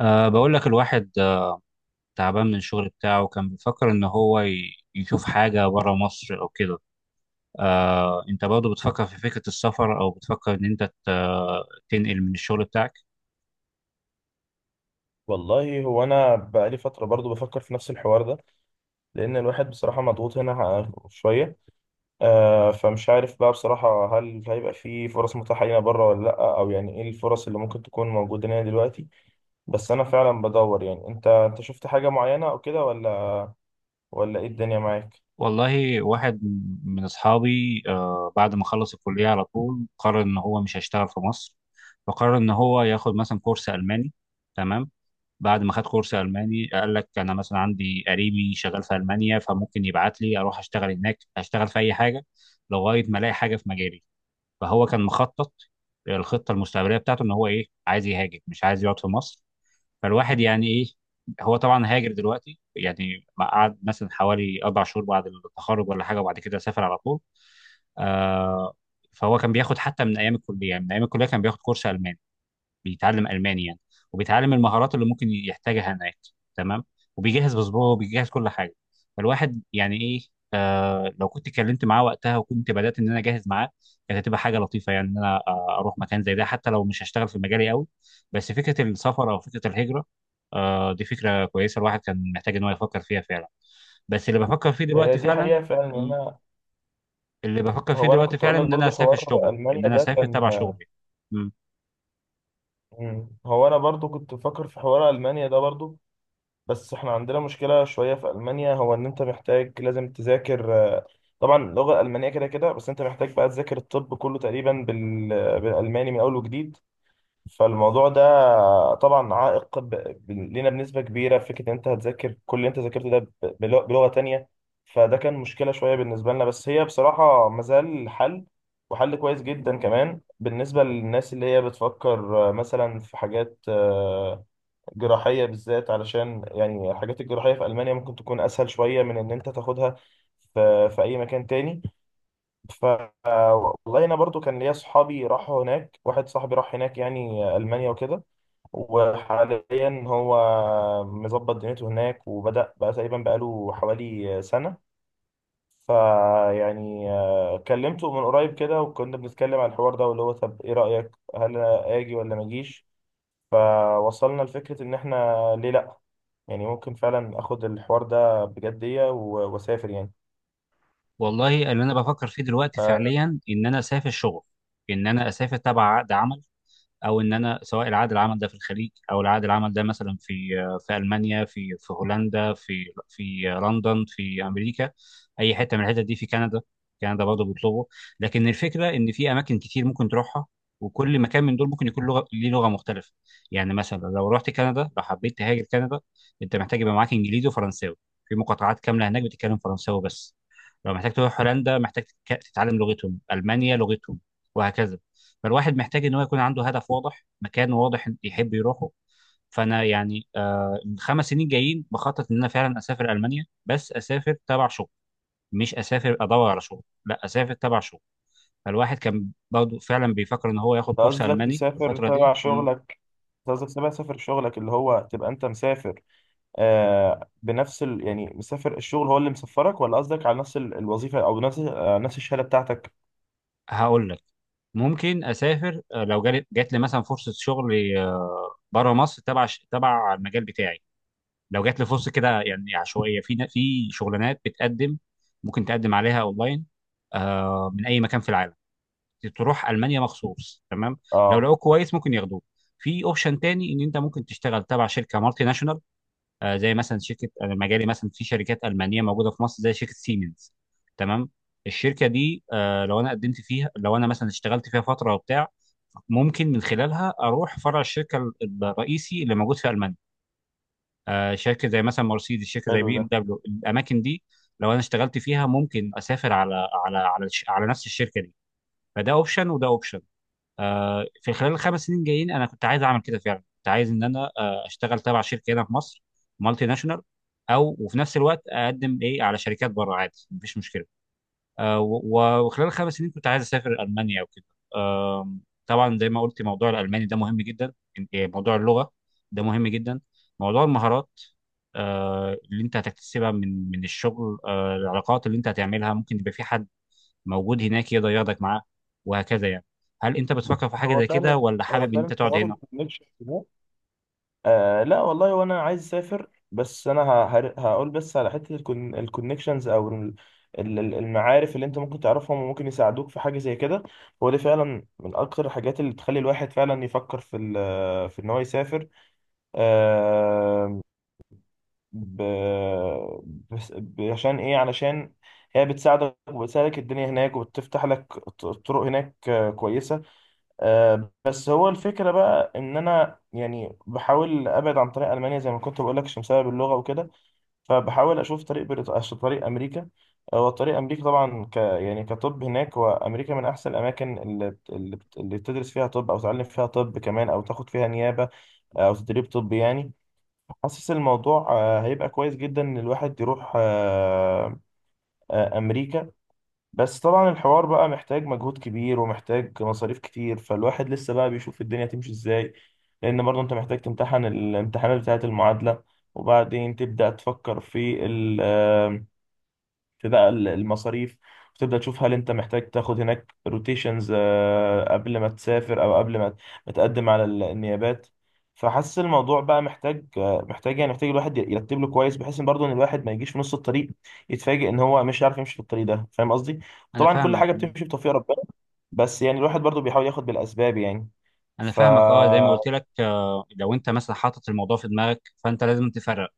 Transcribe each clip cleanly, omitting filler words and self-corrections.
بقول لك الواحد تعبان من الشغل بتاعه. كان بيفكر إن هو يشوف حاجة بره مصر أو كده. أنت برضه بتفكر في فكرة السفر، أو بتفكر إن أنت تنقل من الشغل بتاعك؟ والله هو انا بقالي فتره برضو بفكر في نفس الحوار ده، لان الواحد بصراحه مضغوط هنا شويه. فمش عارف بقى بصراحه هل هيبقى في فرص متاحه لنا بره ولا لا، او يعني ايه الفرص اللي ممكن تكون موجوده لنا دلوقتي؟ بس انا فعلا بدور، يعني انت شفت حاجه معينه او كده ولا ايه الدنيا معاك؟ والله، واحد من أصحابي بعد ما خلص الكلية على طول قرر إن هو مش هيشتغل في مصر. فقرر إن هو ياخد مثلا كورس ألماني. تمام. بعد ما خد كورس الماني، قال لك انا مثلا عندي قريبي شغال في المانيا، فممكن يبعت لي اروح اشتغل هناك، اشتغل في اي حاجه لغايه ما الاقي حاجه في مجالي. فهو كان مخطط. الخطه المستقبليه بتاعته ان هو ايه عايز يهاجر، مش عايز يقعد في مصر. فالواحد يعني ايه. هو طبعا هاجر دلوقتي، يعني ما قعد مثلا حوالي اربع شهور بعد التخرج ولا حاجه، وبعد كده سافر على طول. آه. فهو كان بياخد حتى من ايام الكليه، يعني من ايام الكليه كان بياخد كورس الماني، بيتعلم الماني يعني، وبيتعلم المهارات اللي ممكن يحتاجها هناك. تمام. وبيجهز باسبوعه وبيجهز كل حاجه. فالواحد يعني ايه. لو كنت اتكلمت معاه وقتها وكنت بدات ان انا اجهز معاه، كانت هتبقى حاجه لطيفه. يعني ان انا اروح مكان زي ده حتى لو مش هشتغل في مجالي قوي. بس فكره السفر او فكره الهجره، دي فكره كويسه. الواحد كان محتاج ان هو يفكر فيها فعلا. بس اللي بفكر فيه هي دلوقتي دي فعلا، حقيقه فعلا إن مم. انا، اللي بفكر فيه هو انا دلوقتي كنت فعلا اقول لك ان انا برضو اسافر حوار شغل، ان المانيا انا ده اسافر كان، تبع شغلي. هو انا برضو كنت بفكر في حوار المانيا ده برضو. بس احنا عندنا مشكلة شوية في ألمانيا، هو إن أنت محتاج لازم تذاكر، طبعا اللغة الألمانية كده كده، بس أنت محتاج بقى تذاكر الطب كله تقريبا بالألماني من أول وجديد. فالموضوع ده طبعا عائق لينا بنسبة كبيرة. فكرة إن أنت هتذاكر كل اللي أنت ذاكرته ده بلغة تانية، فده كان مشكلة شوية بالنسبة لنا. بس هي بصراحة مازال حل، وحل كويس جدا كمان بالنسبة للناس اللي هي بتفكر مثلا في حاجات جراحية بالذات، علشان يعني الحاجات الجراحية في ألمانيا ممكن تكون أسهل شوية من إن أنت تاخدها في أي مكان تاني. ف والله أنا برضو كان ليا صحابي راحوا هناك، واحد صاحبي راح هناك يعني ألمانيا وكده، وحاليا هو مظبط دنيته هناك، وبدأ بقى تقريبا بقاله حوالي سنة. فيعني كلمته من قريب كده، وكنا بنتكلم على الحوار ده، واللي هو طب إيه رأيك هل أجي ولا ما أجيش. فوصلنا لفكرة إن إحنا ليه لأ، يعني ممكن فعلا اخد الحوار ده بجدية واسافر يعني. والله، اللي انا بفكر فيه دلوقتي فانت فعليا ان انا اسافر شغل، ان انا اسافر تبع عقد عمل. او ان انا، سواء العقد العمل ده في الخليج، او العقد العمل ده مثلا في المانيا، في هولندا، في لندن، في امريكا. اي حته من الحتت دي، في كندا. كندا برضه بيطلبوا. لكن الفكره ان في اماكن كتير ممكن تروحها، وكل مكان من دول ممكن يكون لغه ليه، لغه مختلفه. يعني مثلا لو رحت كندا، لو حبيت تهاجر كندا، انت محتاج يبقى معاك انجليزي وفرنساوي. في مقاطعات كامله هناك بتتكلم فرنساوي بس. لو محتاج تروح هولندا، محتاج تتعلم لغتهم، المانيا لغتهم، وهكذا. فالواحد محتاج ان هو يكون عنده هدف واضح، مكان واضح يحب يروحه. فانا يعني الخمس سنين جايين بخطط ان انا فعلا اسافر المانيا، بس اسافر تبع شغل. مش اسافر ادور على شغل، لا، اسافر تبع شغل. فالواحد كان برضه فعلا بيفكر ان هو ياخد كورس قصدك الماني تسافر الفتره دي. تبع شغلك؟ أنت قصدك تبع سافر شغلك، اللي هو تبقى انت مسافر، آه بنفس يعني مسافر الشغل هو اللي مسفرك، ولا قصدك على نفس الوظيفة، او نفس آه نفس الشهادة بتاعتك؟ هقول لك. ممكن اسافر لو جات لي مثلا فرصه شغل بره مصر تبع تبع المجال بتاعي. لو جات لي فرصه كده يعني عشوائيه، في شغلانات بتقدم، ممكن تقدم عليها اونلاين. من اي مكان في العالم، تروح المانيا مخصوص. تمام. لو اه، لقوك كويس، ممكن ياخدوك. في اوبشن تاني، ان انت ممكن تشتغل تبع شركه مالتي ناشونال. زي مثلا شركه. أنا مجالي مثلا في شركات المانيه موجوده في مصر، زي شركه سيمنز. تمام. الشركه دي لو انا قدمت فيها، لو انا مثلا اشتغلت فيها فتره وبتاع، ممكن من خلالها اروح فرع الشركه الرئيسي اللي موجود في المانيا. شركه زي مثلا مرسيدس، شركه زي حلو بي ده. ام دبليو، الاماكن دي. لو انا اشتغلت فيها، ممكن اسافر على على نفس الشركه دي. فده اوبشن وده اوبشن. في خلال الخمس سنين جايين انا كنت عايز اعمل كده فعلا، كنت عايز ان انا اشتغل تبع شركه هنا في مصر، مالتي ناشونال. او وفي نفس الوقت اقدم ايه على شركات بره عادي، مفيش مشكله. وخلال الخمس سنين كنت عايز اسافر المانيا وكده. آم، طبعا زي ما قلت، موضوع الالماني ده مهم جدا. إن- إيه، موضوع اللغه ده مهم جدا. موضوع المهارات اللي انت هتكتسبها من الشغل العلاقات اللي انت هتعملها، ممكن يبقى في حد موجود هناك يقدر ياخدك معاه، وهكذا يعني. هل انت بتفكر في حاجه هو زي كده، فعلا، ولا هو حابب ان فعلا انت تقعد حوار هنا؟ الكونكشن ده، آه لا والله وانا عايز اسافر. بس انا هقول بس على حته الكونكشنز او المعارف اللي انت ممكن تعرفهم وممكن يساعدوك في حاجه زي كده. هو دي فعلا من اكتر الحاجات اللي بتخلي الواحد فعلا يفكر في في ان هو يسافر. آه ب... عشان ايه؟ علشان هي بتساعدك، وبتساعدك الدنيا هناك وبتفتح لك طرق هناك كويسه. بس هو الفكرة بقى إن أنا يعني بحاول أبعد عن طريق ألمانيا، زي ما كنت بقول لك، عشان بسبب اللغة وكده. فبحاول أشوف طريق عشان طريق أمريكا. هو طريق أمريكا طبعا ك يعني كطب هناك، وأمريكا من أحسن الأماكن اللي اللي بتدرس فيها طب، أو تعلم فيها طب كمان، أو تاخد فيها نيابة أو تدريب طبي يعني. حاسس الموضوع هيبقى كويس جدا إن الواحد يروح أمريكا. بس طبعا الحوار بقى محتاج مجهود كبير ومحتاج مصاريف كتير، فالواحد لسه بقى بيشوف الدنيا تمشي ازاي. لان برضه انت محتاج تمتحن الامتحانات بتاعة المعادلة، وبعدين تبدأ تفكر في، بقى المصاريف، وتبدأ تشوف هل انت محتاج تاخد هناك روتيشنز قبل ما تسافر، او قبل ما تقدم على النيابات. فحاسس الموضوع بقى محتاج محتاج الواحد يرتب له كويس، بحيث ان برضه ان الواحد ما يجيش في نص الطريق يتفاجئ ان هو مش عارف يمشي في الطريق ده. فاهم قصدي؟ انا طبعا كل فاهمك. حاجه بتمشي بتوفيق ربنا، بس يعني الواحد برضه بيحاول ياخد بالاسباب يعني. ف اه. زي ما قلت لك لو انت مثلا حاطط الموضوع في دماغك، فانت لازم تفرق.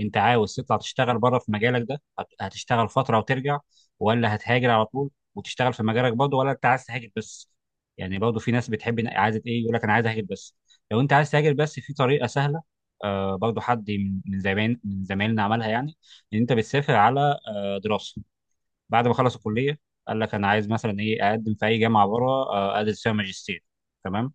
انت عاوز تطلع تشتغل بره في مجالك ده، هتشتغل فتره وترجع، ولا هتهاجر على طول وتشتغل في مجالك برضه، ولا انت عايز تهاجر بس؟ يعني برضه في ناس بتحب، عايزه ايه. يقول لك انا عايز اهاجر بس. لو انت عايز تهاجر بس، في طريقه سهله. برضه حد من زمان، من زمايلنا عملها، يعني ان انت بتسافر على دراسه. بعد ما خلص الكليه، قال لك انا عايز مثلا ايه اقدم في اي جامعه بره ادرس فيها ماجستير. تمام.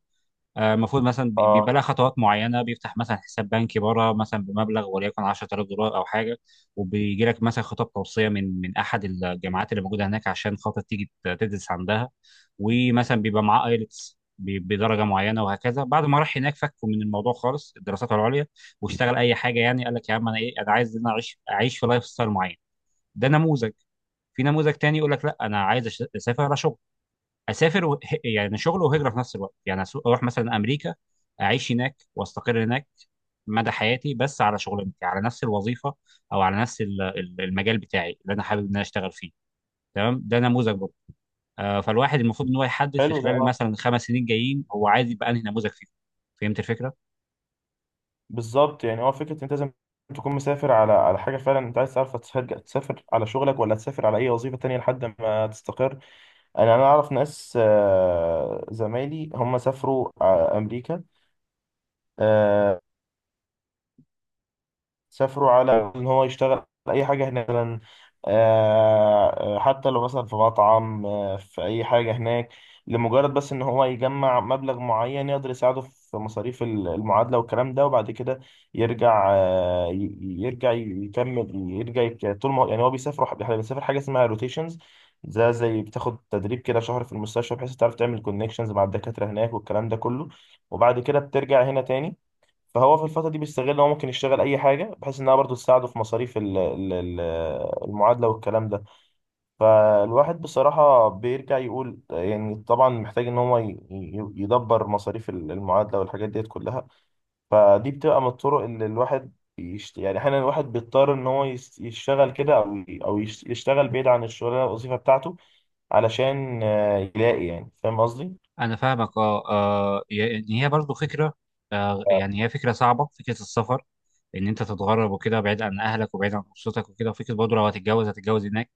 المفروض مثلا بيبقى اه، لها خطوات معينه. بيفتح مثلا حساب بنكي بره مثلا بمبلغ وليكن 10,000 دولار او حاجه. وبيجي لك مثلا خطاب توصيه من احد الجامعات اللي موجوده هناك، عشان خاطر تيجي تدرس عندها. ومثلا بيبقى معاه ايلتس بدرجه معينه وهكذا. بعد ما راح هناك، فكوا من الموضوع خالص، الدراسات العليا. واشتغل اي حاجه. يعني قال لك يا عم انا ايه، انا عايز ان انا اعيش في لايف ستايل معين. ده نموذج. في نموذج تاني يقول لك لا، انا عايز اسافر اشوف. اسافر يعني شغل وهجره في نفس الوقت. يعني اروح مثلا امريكا، اعيش هناك واستقر هناك مدى حياتي، بس على شغلانتي، على نفس الوظيفه، او على نفس المجال بتاعي اللي انا حابب ان انا اشتغل فيه. تمام، ده نموذج برضه. فالواحد المفروض ان هو يحدد في حلو ده. خلال مثلا الخمس سنين جايين، هو عايز يبقى انهي نموذج فيه. فهمت الفكره؟ بالظبط، يعني هو فكره انت لازم تكون مسافر على على حاجه فعلا، انت عايز تعرف هتسافر، تسافر على شغلك، ولا تسافر على اي وظيفه تانية لحد ما تستقر. انا اعرف ناس زمايلي هم سافروا امريكا، آه، سافروا على ان هو يشتغل اي حاجه هناك مثلا. حتى لو مثلا في مطعم، في اي حاجه هناك، لمجرد بس ان هو يجمع مبلغ معين يقدر يساعده في مصاريف المعادله والكلام ده. وبعد كده يرجع، يرجع يكمل، يرجع يك- طول ما هو- يعني هو بيسافر بيسافر حاجه اسمها روتيشنز. ده زي بتاخد تدريب كده شهر في المستشفى، بحيث تعرف تعمل كونكشنز مع الدكاتره هناك والكلام ده كله، وبعد كده بترجع هنا تاني. فهو في الفترة دي بيستغل إن هو ممكن يشتغل أي حاجة، بحيث إنها برضه تساعده في مصاريف المعادلة والكلام ده. فالواحد بصراحة بيرجع يقول يعني طبعا محتاج إن هو يدبر مصاريف المعادلة والحاجات ديت كلها. فدي بتبقى من الطرق اللي الواحد يعني أحيانا الواحد بيضطر إن هو يشتغل كده، أو يشتغل بعيد عن الشغلانة الوظيفة بتاعته، علشان يلاقي يعني. فاهم قصدي؟ انا فاهمك اه. يعني هي برضو فكره، يعني هي فكره صعبه، فكره السفر. ان انت تتغرب وكده، بعيد عن اهلك وبعيد عن اسرتك وكده، وفكره برضو لو هتتجوز، هتتجوز هناك.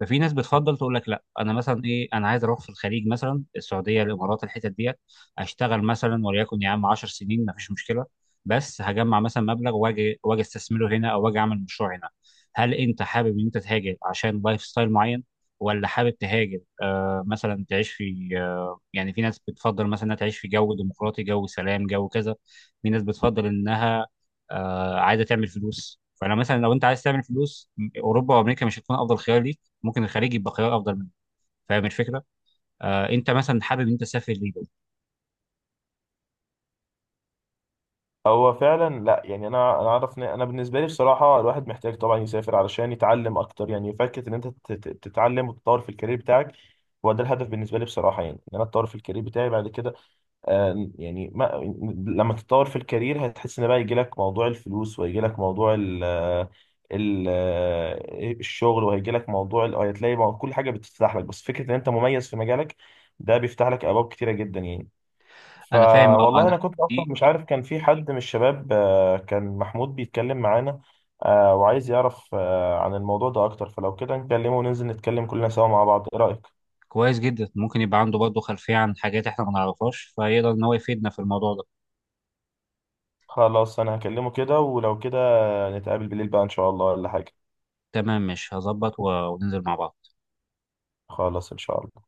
ففي ناس بتفضل تقول لك لا، انا مثلا ايه، انا عايز اروح في الخليج، مثلا السعوديه، الامارات، الحتت ديت. اشتغل مثلا وليكن يا عم 10 سنين، ما فيش مشكله. بس هجمع مثلا مبلغ، واجي استثمره هنا، او واجي اعمل مشروع هنا. هل انت حابب ان انت تهاجر عشان لايف ستايل معين، ولا حابب تهاجر مثلا تعيش في يعني في ناس بتفضل مثلا انها تعيش في جو ديمقراطي، جو سلام، جو كذا. في ناس بتفضل انها عايزه تعمل فلوس. فانا مثلا لو انت عايز تعمل فلوس، اوروبا وامريكا مش هتكون افضل خيار ليك، ممكن الخليج يبقى خيار افضل منك. فاهم الفكره؟ انت مثلا حابب انت تسافر ليه؟ هو فعلا لا، يعني انا اعرف إن انا بالنسبه لي بصراحه الواحد محتاج طبعا يسافر علشان يتعلم اكتر، يعني فكره ان انت تتعلم وتطور في الكارير بتاعك. هو ده الهدف بالنسبه لي بصراحه، يعني ان انا اتطور في الكارير بتاعي بعد كده. آه، يعني ما لما تتطور في الكارير هتحس ان بقى يجي لك موضوع الفلوس، ويجي لك موضوع ال ال الشغل، وهيجي لك موضوع هتلاقي كل حاجه بتفتح لك. بس فكره ان انت مميز في مجالك ده بيفتح لك ابواب كتيره جدا يعني. انا فاهم اه، اه. فوالله انا كنت اصلا دي مش عارف كان في حد من الشباب، كان محمود بيتكلم معانا، وعايز يعرف عن الموضوع ده اكتر، فلو كده نكلمه وننزل نتكلم كلنا سوا مع بعض، ايه رأيك؟ كويس جدا. ممكن يبقى عنده برضه خلفيه عن حاجات احنا ما نعرفهاش، فيقدر ان هو يفيدنا في الموضوع ده. خلاص انا هكلمه كده، ولو كده نتقابل بالليل بقى ان شاء الله ولا حاجة. تمام، مش هظبط وننزل مع بعض. خلاص ان شاء الله.